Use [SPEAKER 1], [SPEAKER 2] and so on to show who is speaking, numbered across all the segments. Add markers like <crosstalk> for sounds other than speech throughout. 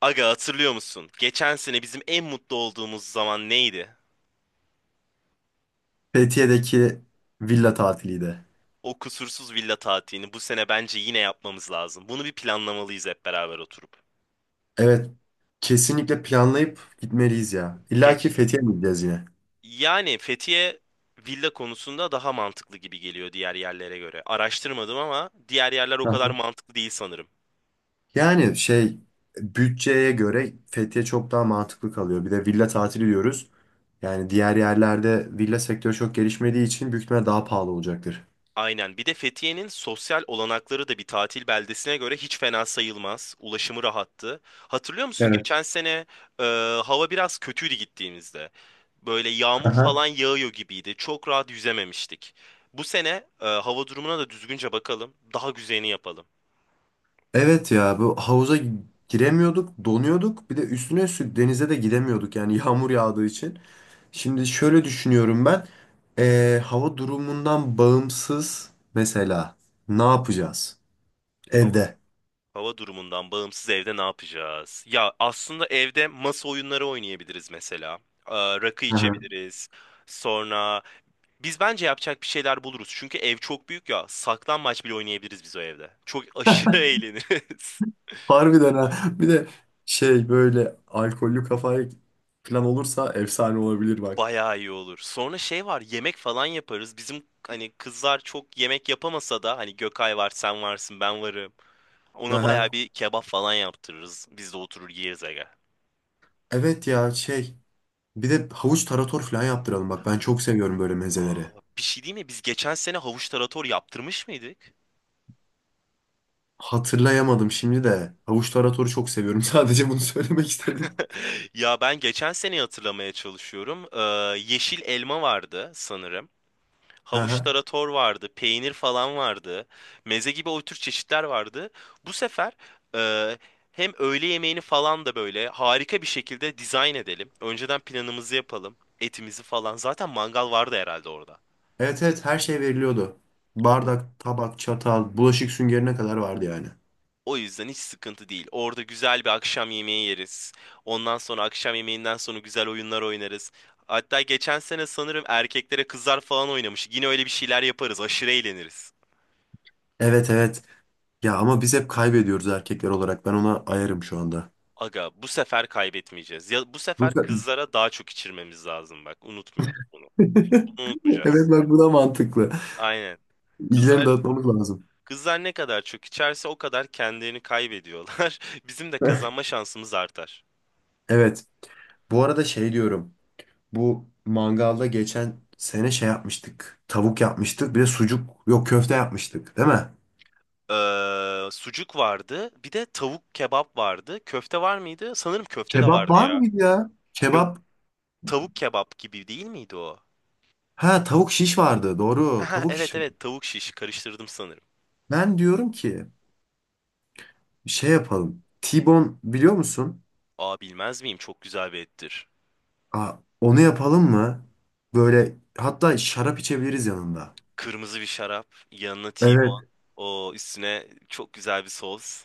[SPEAKER 1] Aga hatırlıyor musun? Geçen sene bizim en mutlu olduğumuz zaman neydi?
[SPEAKER 2] Fethiye'deki villa tatiliydi.
[SPEAKER 1] O kusursuz villa tatilini bu sene bence yine yapmamız lazım. Bunu bir planlamalıyız hep beraber oturup.
[SPEAKER 2] Evet, kesinlikle planlayıp gitmeliyiz ya. İlla ki
[SPEAKER 1] Geç.
[SPEAKER 2] Fethiye mi gideceğiz yine?
[SPEAKER 1] Yani Fethiye villa konusunda daha mantıklı gibi geliyor diğer yerlere göre. Araştırmadım ama diğer yerler o
[SPEAKER 2] Hı
[SPEAKER 1] kadar
[SPEAKER 2] hı.
[SPEAKER 1] mantıklı değil sanırım.
[SPEAKER 2] Yani şey, bütçeye göre Fethiye çok daha mantıklı kalıyor. Bir de villa tatili diyoruz. Yani diğer yerlerde villa sektörü çok gelişmediği için büyük ihtimalle daha pahalı olacaktır.
[SPEAKER 1] Aynen. Bir de Fethiye'nin sosyal olanakları da bir tatil beldesine göre hiç fena sayılmaz. Ulaşımı rahattı. Hatırlıyor musun
[SPEAKER 2] Evet.
[SPEAKER 1] geçen sene e, hava biraz kötüydü gittiğimizde. Böyle yağmur
[SPEAKER 2] Aha.
[SPEAKER 1] falan yağıyor gibiydi. Çok rahat yüzememiştik. Bu sene hava durumuna da düzgünce bakalım. Daha güzelini yapalım.
[SPEAKER 2] Evet ya, bu havuza giremiyorduk, donuyorduk. Bir de üstüne üstlük denize de gidemiyorduk yani <laughs> yağmur yağdığı için. Şimdi şöyle düşünüyorum ben. Hava durumundan bağımsız mesela ne yapacağız
[SPEAKER 1] Hava,
[SPEAKER 2] evde?
[SPEAKER 1] hava durumundan bağımsız evde ne yapacağız? Ya aslında evde masa oyunları oynayabiliriz mesela. E, Rakı
[SPEAKER 2] Hı hı.
[SPEAKER 1] içebiliriz. Sonra biz bence yapacak bir şeyler buluruz. Çünkü ev çok büyük ya. Saklanmaç bile oynayabiliriz biz o evde. Çok aşırı <laughs> eğleniriz.
[SPEAKER 2] Harbiden ha. Bir de böyle alkollü kafayı falan olursa efsane olabilir bak.
[SPEAKER 1] Bayağı iyi olur. Sonra şey var, yemek falan yaparız. Bizim hani kızlar çok yemek yapamasa da hani Gökay var, sen varsın, ben varım. Ona bayağı
[SPEAKER 2] Aha.
[SPEAKER 1] bir kebap falan yaptırırız. Biz de oturur yeriz aga.
[SPEAKER 2] Evet ya. Bir de havuç tarator falan yaptıralım bak. Ben çok seviyorum böyle
[SPEAKER 1] Aa,
[SPEAKER 2] mezeleri.
[SPEAKER 1] bir şey değil mi? Biz geçen sene havuç tarator yaptırmış mıydık? <laughs>
[SPEAKER 2] Hatırlayamadım şimdi de. Havuç taratoru çok seviyorum. <laughs> Sadece bunu söylemek istedim.
[SPEAKER 1] Ya ben geçen seneyi hatırlamaya çalışıyorum. Yeşil elma vardı sanırım. Havuç
[SPEAKER 2] Aha.
[SPEAKER 1] tarator vardı, peynir falan vardı, meze gibi o tür çeşitler vardı. Bu sefer e, hem öğle yemeğini falan da böyle harika bir şekilde dizayn edelim. Önceden planımızı yapalım, etimizi falan. Zaten mangal vardı herhalde orada.
[SPEAKER 2] Evet evet, her şey veriliyordu.
[SPEAKER 1] O
[SPEAKER 2] Bardak, tabak, çatal, bulaşık süngerine kadar vardı yani.
[SPEAKER 1] o yüzden hiç sıkıntı değil. Orada güzel bir akşam yemeği yeriz. Ondan sonra akşam yemeğinden sonra güzel oyunlar oynarız. Hatta geçen sene sanırım erkeklere kızlar falan oynamış. Yine öyle bir şeyler yaparız. Aşırı eğleniriz.
[SPEAKER 2] Evet evet. Ya ama biz hep kaybediyoruz erkekler olarak. Ben ona ayarım şu anda.
[SPEAKER 1] Aga bu sefer kaybetmeyeceğiz. Ya bu sefer
[SPEAKER 2] Bu- <laughs>
[SPEAKER 1] kızlara daha çok içirmemiz lazım bak. Unutmuyorum bunu. Bunu unutmayacağız.
[SPEAKER 2] Evet bak bu da mantıklı.
[SPEAKER 1] Aynen.
[SPEAKER 2] İlgilerini
[SPEAKER 1] Kızlar
[SPEAKER 2] dağıtmamız lazım.
[SPEAKER 1] kızlar ne kadar çok içerse o kadar kendilerini kaybediyorlar. <laughs> Bizim de
[SPEAKER 2] <laughs>
[SPEAKER 1] kazanma şansımız artar.
[SPEAKER 2] Evet. Bu arada diyorum. Bu mangalda geçen sene yapmıştık. Tavuk yapmıştık. Bir de sucuk. Yok, köfte yapmıştık, değil mi?
[SPEAKER 1] Sucuk vardı. Bir de tavuk kebap vardı. Köfte var mıydı? Sanırım köfte de
[SPEAKER 2] Kebap
[SPEAKER 1] vardı
[SPEAKER 2] var
[SPEAKER 1] ya.
[SPEAKER 2] mıydı ya? Kebap.
[SPEAKER 1] Yok, tavuk kebap gibi değil miydi o?
[SPEAKER 2] Ha, tavuk şiş vardı. Doğru.
[SPEAKER 1] <laughs>
[SPEAKER 2] Tavuk
[SPEAKER 1] Evet,
[SPEAKER 2] şiş.
[SPEAKER 1] evet, tavuk şiş karıştırdım sanırım.
[SPEAKER 2] Ben diyorum ki, yapalım. T-bone biliyor musun?
[SPEAKER 1] Aa, bilmez miyim? Çok güzel bir ettir.
[SPEAKER 2] Aa, onu yapalım mı? Böyle hatta şarap içebiliriz yanında.
[SPEAKER 1] Kırmızı bir şarap, yanına T-bone,
[SPEAKER 2] Evet.
[SPEAKER 1] o üstüne çok güzel bir sos.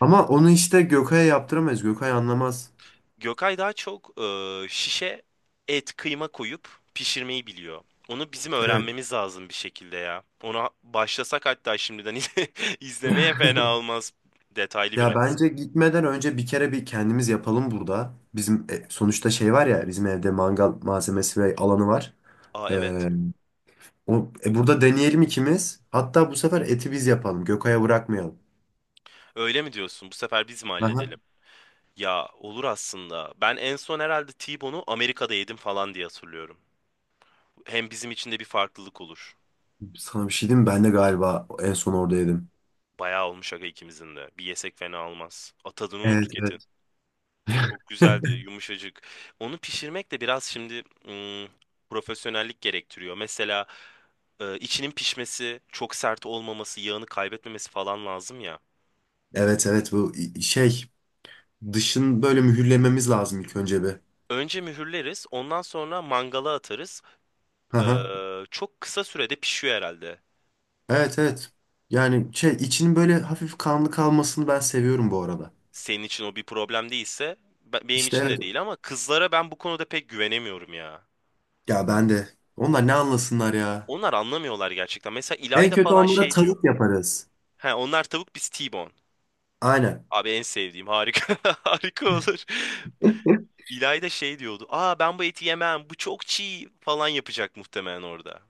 [SPEAKER 2] Ama onu işte Gökay'a yaptıramayız. Gökay anlamaz.
[SPEAKER 1] Gökay daha çok şişe et, kıyma koyup pişirmeyi biliyor. Onu bizim
[SPEAKER 2] Evet.
[SPEAKER 1] öğrenmemiz lazım bir şekilde ya. Ona başlasak hatta şimdiden <laughs> izlemeye fena olmaz. Detaylı
[SPEAKER 2] Ya
[SPEAKER 1] biraz.
[SPEAKER 2] bence gitmeden önce bir kere bir kendimiz yapalım burada. Sonuçta şey var ya, bizim evde mangal malzemesi ve alanı var.
[SPEAKER 1] Aa, evet.
[SPEAKER 2] Ee, burada deneyelim ikimiz. Hatta bu sefer eti biz yapalım. Gökay'a bırakmayalım.
[SPEAKER 1] Öyle mi diyorsun? Bu sefer biz mi
[SPEAKER 2] Aha.
[SPEAKER 1] halledelim? Ya olur aslında. Ben en son herhalde T-bone'u Amerika'da yedim falan diye hatırlıyorum. Hem bizim için de bir farklılık olur.
[SPEAKER 2] Sana bir şey diyeyim mi? Ben de galiba en son orada yedim.
[SPEAKER 1] Bayağı olmuş aga ikimizin de. Bir yesek fena olmaz. Atadın onu
[SPEAKER 2] Evet
[SPEAKER 1] tüketin.
[SPEAKER 2] evet.
[SPEAKER 1] Çok güzeldi,
[SPEAKER 2] <laughs>
[SPEAKER 1] yumuşacık. Onu pişirmek de biraz şimdi profesyonellik gerektiriyor. Mesela içinin pişmesi, çok sert olmaması, yağını kaybetmemesi falan lazım ya.
[SPEAKER 2] Evet evet, bu dışın böyle mühürlememiz lazım ilk önce bir.
[SPEAKER 1] Önce mühürleriz, ondan sonra mangala atarız.
[SPEAKER 2] Hı hı.
[SPEAKER 1] Çok kısa sürede pişiyor herhalde.
[SPEAKER 2] Evet evet. Yani içinin böyle hafif kanlı kalmasını ben seviyorum bu arada.
[SPEAKER 1] Senin için o bir problem değilse, benim
[SPEAKER 2] İşte
[SPEAKER 1] için
[SPEAKER 2] evet.
[SPEAKER 1] de değil ama kızlara ben bu konuda pek güvenemiyorum ya.
[SPEAKER 2] Ya ben de. Onlar ne anlasınlar ya.
[SPEAKER 1] Onlar anlamıyorlar gerçekten. Mesela
[SPEAKER 2] En
[SPEAKER 1] İlayda
[SPEAKER 2] kötü
[SPEAKER 1] falan
[SPEAKER 2] onlara
[SPEAKER 1] şey
[SPEAKER 2] tavuk
[SPEAKER 1] diyor.
[SPEAKER 2] yaparız.
[SPEAKER 1] He, onlar tavuk biz T-bone.
[SPEAKER 2] Aynen.
[SPEAKER 1] Abi en sevdiğim harika <laughs> harika olur. İlay da şey diyordu. Aa, ben bu eti yemem, bu çok çiğ falan yapacak muhtemelen orada.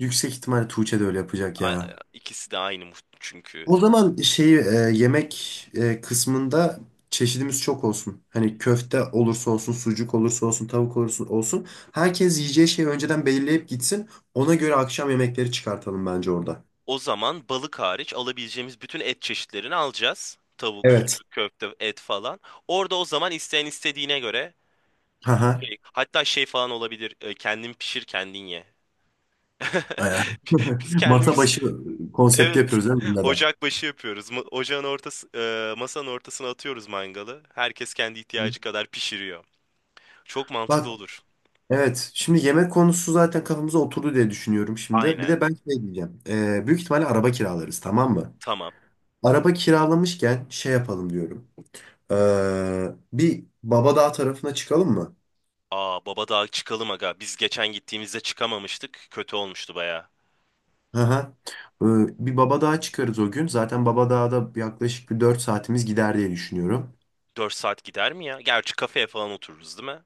[SPEAKER 2] Yüksek ihtimalle Tuğçe de öyle yapacak
[SPEAKER 1] A-
[SPEAKER 2] ya.
[SPEAKER 1] İkisi de aynı çünkü.
[SPEAKER 2] O zaman yemek kısmında çeşidimiz çok olsun. Hani köfte olursa olsun, sucuk olursa olsun, tavuk olursa olsun. Herkes yiyeceği şeyi önceden belirleyip gitsin. Ona göre akşam yemekleri çıkartalım bence orada.
[SPEAKER 1] O zaman balık hariç alabileceğimiz bütün et çeşitlerini alacağız. Tavuk,
[SPEAKER 2] Evet.
[SPEAKER 1] sucuk, köfte, et falan. Orada o zaman isteyen istediğine göre
[SPEAKER 2] Haha.
[SPEAKER 1] hatta şey falan olabilir. Kendin pişir kendin ye. <laughs> Biz
[SPEAKER 2] <laughs> Masa
[SPEAKER 1] kendimiz
[SPEAKER 2] başı konsepti
[SPEAKER 1] evet.
[SPEAKER 2] yapıyoruz değil mi bunda da?
[SPEAKER 1] Ocak başı yapıyoruz. Ocağın ortası, masanın ortasına atıyoruz mangalı. Herkes kendi
[SPEAKER 2] Hı.
[SPEAKER 1] ihtiyacı kadar pişiriyor. Çok mantıklı
[SPEAKER 2] Bak
[SPEAKER 1] olur.
[SPEAKER 2] evet, şimdi yemek konusu zaten kafamıza oturdu diye düşünüyorum şimdi. Bir
[SPEAKER 1] Aynen.
[SPEAKER 2] de ben şey diyeceğim. Büyük ihtimalle araba kiralarız, tamam mı?
[SPEAKER 1] Tamam.
[SPEAKER 2] Araba kiralamışken şey yapalım diyorum. Bir Babadağ tarafına çıkalım mı?
[SPEAKER 1] Aa, baba daha çıkalım aga. Biz geçen gittiğimizde çıkamamıştık. Kötü olmuştu baya.
[SPEAKER 2] Hı hı. Ee, bir Babadağ'a çıkarız o gün. Zaten Babadağ'da yaklaşık bir 4 saatimiz gider diye düşünüyorum.
[SPEAKER 1] 4 saat gider mi ya? Gerçi kafeye falan otururuz değil mi?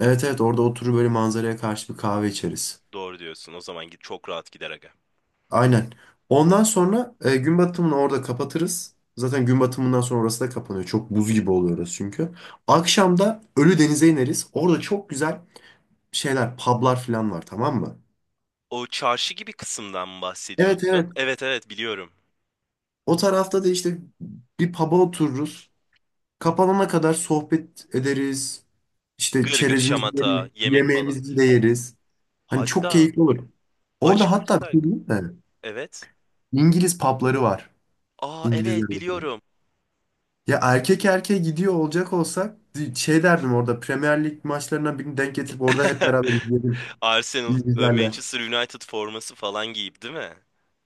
[SPEAKER 2] Evet evet, orada oturur böyle manzaraya karşı bir kahve içeriz.
[SPEAKER 1] Doğru diyorsun. O zaman git çok rahat gider aga.
[SPEAKER 2] Aynen. Ondan sonra gün batımını orada kapatırız. Zaten gün batımından sonra orası da kapanıyor. Çok buz gibi oluyor orası çünkü. Akşam da Ölüdeniz'e ineriz. Orada çok güzel şeyler, publar falan var, tamam mı?
[SPEAKER 1] O çarşı gibi kısımdan mı
[SPEAKER 2] Evet
[SPEAKER 1] bahsediyorsun?
[SPEAKER 2] evet.
[SPEAKER 1] Evet, evet, biliyorum.
[SPEAKER 2] O tarafta da işte bir pub'a otururuz. Kapanana kadar sohbet ederiz. İşte
[SPEAKER 1] Gırgır,
[SPEAKER 2] çerezimizi
[SPEAKER 1] şamata,
[SPEAKER 2] yeriz,
[SPEAKER 1] yemek falan.
[SPEAKER 2] yemeğimizi de yeriz. Hani çok
[SPEAKER 1] Hatta
[SPEAKER 2] keyifli olur. Orada hatta bir
[SPEAKER 1] acıkırsak.
[SPEAKER 2] şey diyeyim mi?
[SPEAKER 1] Evet.
[SPEAKER 2] İngiliz pubları var.
[SPEAKER 1] Aa,
[SPEAKER 2] İngilizler
[SPEAKER 1] evet,
[SPEAKER 2] orada.
[SPEAKER 1] biliyorum.
[SPEAKER 2] Ya erkek erkeğe gidiyor olacak olsak şey derdim, orada Premier Lig maçlarından birini denk getirip orada hep
[SPEAKER 1] <laughs>
[SPEAKER 2] beraber izleyelim
[SPEAKER 1] Arsenal,
[SPEAKER 2] İngilizlerle.
[SPEAKER 1] Manchester United forması falan giyip değil mi?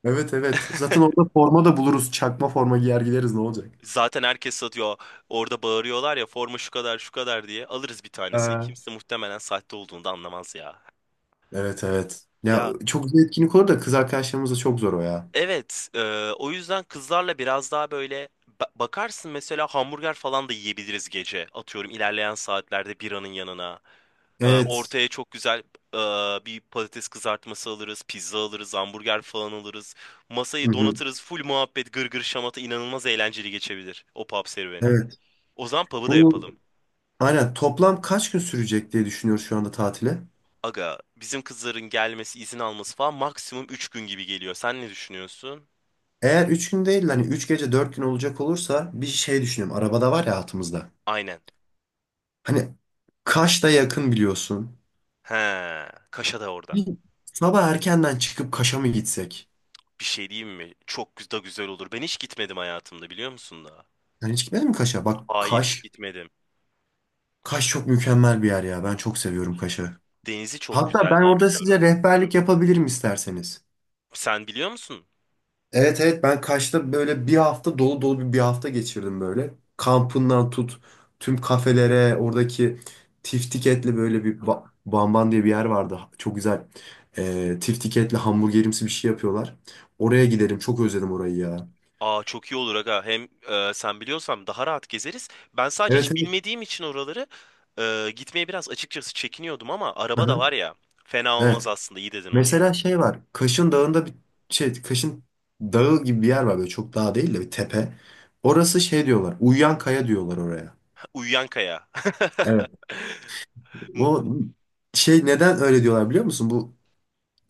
[SPEAKER 2] Evet evet. Zaten orada forma da buluruz. Çakma forma giyer gideriz, ne olacak?
[SPEAKER 1] Zaten herkes satıyor. Orada bağırıyorlar ya forma şu kadar şu kadar diye. Alırız bir tanesini.
[SPEAKER 2] Ha.
[SPEAKER 1] Kimse muhtemelen sahte olduğunu da anlamaz ya.
[SPEAKER 2] Evet evet. Ya
[SPEAKER 1] Ya
[SPEAKER 2] çok güzel etkinlik olur da kız arkadaşlarımızla çok zor o ya.
[SPEAKER 1] evet, o yüzden kızlarla biraz daha böyle bakarsın mesela hamburger falan da yiyebiliriz gece. Atıyorum ilerleyen saatlerde biranın yanına.
[SPEAKER 2] Evet.
[SPEAKER 1] Ortaya çok güzel e, bir patates kızartması alırız, pizza alırız, hamburger falan alırız.
[SPEAKER 2] Hı
[SPEAKER 1] Masayı
[SPEAKER 2] hı.
[SPEAKER 1] donatırız, full muhabbet, gırgır şamata inanılmaz eğlenceli geçebilir o pub serüveni.
[SPEAKER 2] Evet.
[SPEAKER 1] O zaman pub'ı da
[SPEAKER 2] Bu
[SPEAKER 1] yapalım.
[SPEAKER 2] aynen toplam kaç gün sürecek diye düşünüyoruz şu anda tatile.
[SPEAKER 1] Aga, bizim kızların gelmesi, izin alması falan maksimum 3 gün gibi geliyor. Sen ne düşünüyorsun?
[SPEAKER 2] Eğer 3 gün değil hani 3 gece 4 gün olacak olursa bir şey düşünüyorum. Arabada var ya altımızda.
[SPEAKER 1] Aynen.
[SPEAKER 2] Hani Kaş'ta yakın biliyorsun.
[SPEAKER 1] He, Kaşa da orada.
[SPEAKER 2] Bir sabah erkenden çıkıp Kaş'a mı gitsek?
[SPEAKER 1] Bir şey diyeyim mi? Çok da güzel olur. Ben hiç gitmedim hayatımda biliyor musun da?
[SPEAKER 2] Yani hiç gitmedin mi Kaş'a? Bak
[SPEAKER 1] Hayır, hiç
[SPEAKER 2] Kaş,
[SPEAKER 1] gitmedim.
[SPEAKER 2] Kaş çok mükemmel bir yer ya. Ben çok seviyorum Kaş'ı.
[SPEAKER 1] Denizi çok
[SPEAKER 2] Hatta
[SPEAKER 1] güzel
[SPEAKER 2] ben
[SPEAKER 1] diye
[SPEAKER 2] orada
[SPEAKER 1] biliyorum.
[SPEAKER 2] size rehberlik yapabilirim isterseniz.
[SPEAKER 1] Sen biliyor musun?
[SPEAKER 2] Evet evet, ben Kaş'ta böyle bir hafta dolu dolu bir hafta geçirdim böyle. Kampından tut tüm kafelere, oradaki tiftik etli böyle bamban diye bir yer vardı. Çok güzel, tiftik etli hamburgerimsi bir şey yapıyorlar. Oraya giderim, çok özledim orayı ya.
[SPEAKER 1] Aa, çok iyi olur aga. Hem sen biliyorsan daha rahat gezeriz. Ben sadece
[SPEAKER 2] Evet
[SPEAKER 1] hiç
[SPEAKER 2] evet.
[SPEAKER 1] bilmediğim için oraları gitmeye biraz açıkçası çekiniyordum ama araba da
[SPEAKER 2] Aha,
[SPEAKER 1] var ya. Fena olmaz
[SPEAKER 2] evet.
[SPEAKER 1] aslında. İyi dedin onu
[SPEAKER 2] Mesela
[SPEAKER 1] ya.
[SPEAKER 2] şey var, Kaş'ın dağında bir Kaş'ın dağı gibi bir yer var, böyle çok dağ değil de bir tepe. Orası şey diyorlar, uyuyan kaya diyorlar oraya.
[SPEAKER 1] Uyuyan kaya.
[SPEAKER 2] Evet.
[SPEAKER 1] <laughs>
[SPEAKER 2] O neden öyle diyorlar biliyor musun? Bu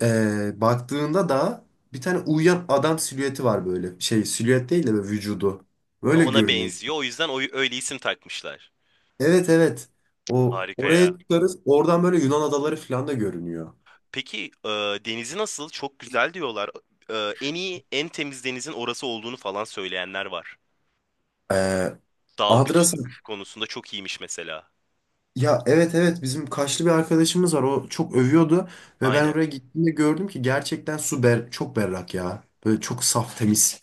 [SPEAKER 2] baktığında da bir tane uyuyan adam silüeti var böyle. Şey silüet değil de böyle vücudu. Böyle
[SPEAKER 1] Ona
[SPEAKER 2] görünüyor.
[SPEAKER 1] benziyor. O yüzden öyle isim takmışlar.
[SPEAKER 2] Evet evet. O
[SPEAKER 1] Harika
[SPEAKER 2] oraya
[SPEAKER 1] ya.
[SPEAKER 2] çıkarız. Oradan böyle Yunan adaları falan da görünüyor.
[SPEAKER 1] Peki denizi nasıl? Çok güzel diyorlar. En iyi, en temiz denizin orası olduğunu falan söyleyenler var.
[SPEAKER 2] Eee Adrasa.
[SPEAKER 1] Dalgıçlık konusunda çok iyiymiş mesela.
[SPEAKER 2] Ya evet evet, bizim Kaşlı bir arkadaşımız var. O çok övüyordu ve ben
[SPEAKER 1] Aynen.
[SPEAKER 2] oraya gittiğimde gördüm ki gerçekten su ber çok berrak ya. Böyle çok saf temiz.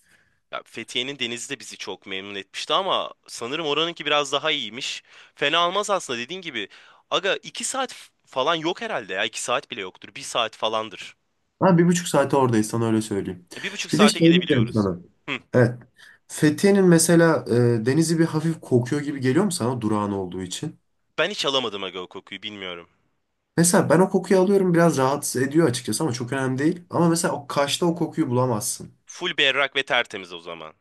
[SPEAKER 1] Ya Fethiye'nin denizi de bizi çok memnun etmişti ama sanırım oranınki biraz daha iyiymiş. Fena almaz aslında dediğin gibi. Aga 2 saat falan yok herhalde ya. 2 saat bile yoktur. 1 saat falandır.
[SPEAKER 2] Ha, bir buçuk saate oradayız, sana öyle söyleyeyim.
[SPEAKER 1] Bir buçuk
[SPEAKER 2] Bir de
[SPEAKER 1] saate
[SPEAKER 2] şey diyeceğim
[SPEAKER 1] gidebiliyoruz.
[SPEAKER 2] sana.
[SPEAKER 1] Hı.
[SPEAKER 2] Evet. Fethiye'nin mesela denizi bir hafif kokuyor gibi geliyor mu sana, durağın olduğu için?
[SPEAKER 1] Ben hiç alamadım aga o kokuyu bilmiyorum.
[SPEAKER 2] Mesela ben o kokuyu alıyorum, biraz rahatsız ediyor açıkçası, ama çok önemli değil. Ama mesela o Kaş'ta o kokuyu bulamazsın.
[SPEAKER 1] Full berrak ve tertemiz o zaman.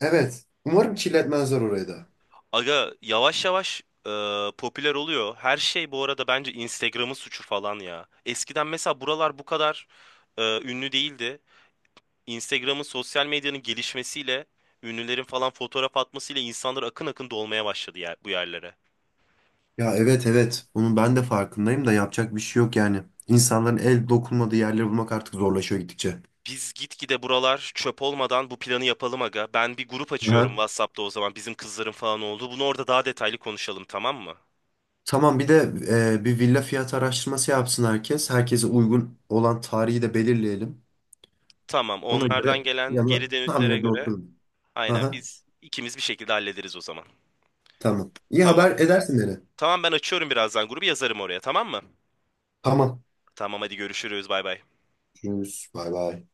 [SPEAKER 2] Evet. Umarım kirletmezler orayı da.
[SPEAKER 1] Aga yavaş yavaş e, popüler oluyor. Her şey bu arada bence Instagram'ın suçu falan ya. Eskiden mesela buralar bu kadar ünlü değildi. Instagram'ın sosyal medyanın gelişmesiyle ünlülerin falan fotoğraf atmasıyla insanlar akın akın dolmaya başladı yer, bu yerlere.
[SPEAKER 2] Ya evet evet. Bunun ben de farkındayım da yapacak bir şey yok yani. İnsanların el dokunmadığı yerleri bulmak artık zorlaşıyor gittikçe.
[SPEAKER 1] Biz gitgide buralar çöp olmadan bu planı yapalım aga. Ben bir grup açıyorum
[SPEAKER 2] Aha.
[SPEAKER 1] WhatsApp'ta o zaman bizim kızların falan oldu. Bunu orada daha detaylı konuşalım tamam mı?
[SPEAKER 2] Tamam, bir de bir villa fiyat araştırması yapsın herkes. Herkese uygun olan tarihi de belirleyelim.
[SPEAKER 1] Tamam,
[SPEAKER 2] Ona
[SPEAKER 1] onlardan
[SPEAKER 2] göre
[SPEAKER 1] gelen
[SPEAKER 2] yanına
[SPEAKER 1] geri
[SPEAKER 2] tam
[SPEAKER 1] dönütlere
[SPEAKER 2] yerine
[SPEAKER 1] göre
[SPEAKER 2] oturun.
[SPEAKER 1] aynen
[SPEAKER 2] Aha,
[SPEAKER 1] biz ikimiz bir şekilde hallederiz o zaman.
[SPEAKER 2] tamam. İyi
[SPEAKER 1] Tamam.
[SPEAKER 2] haber edersin beni.
[SPEAKER 1] Tamam, ben açıyorum birazdan grubu yazarım oraya tamam mı?
[SPEAKER 2] Tamam.
[SPEAKER 1] Tamam, hadi görüşürüz bay bay.
[SPEAKER 2] Görüşürüz. Bay bay.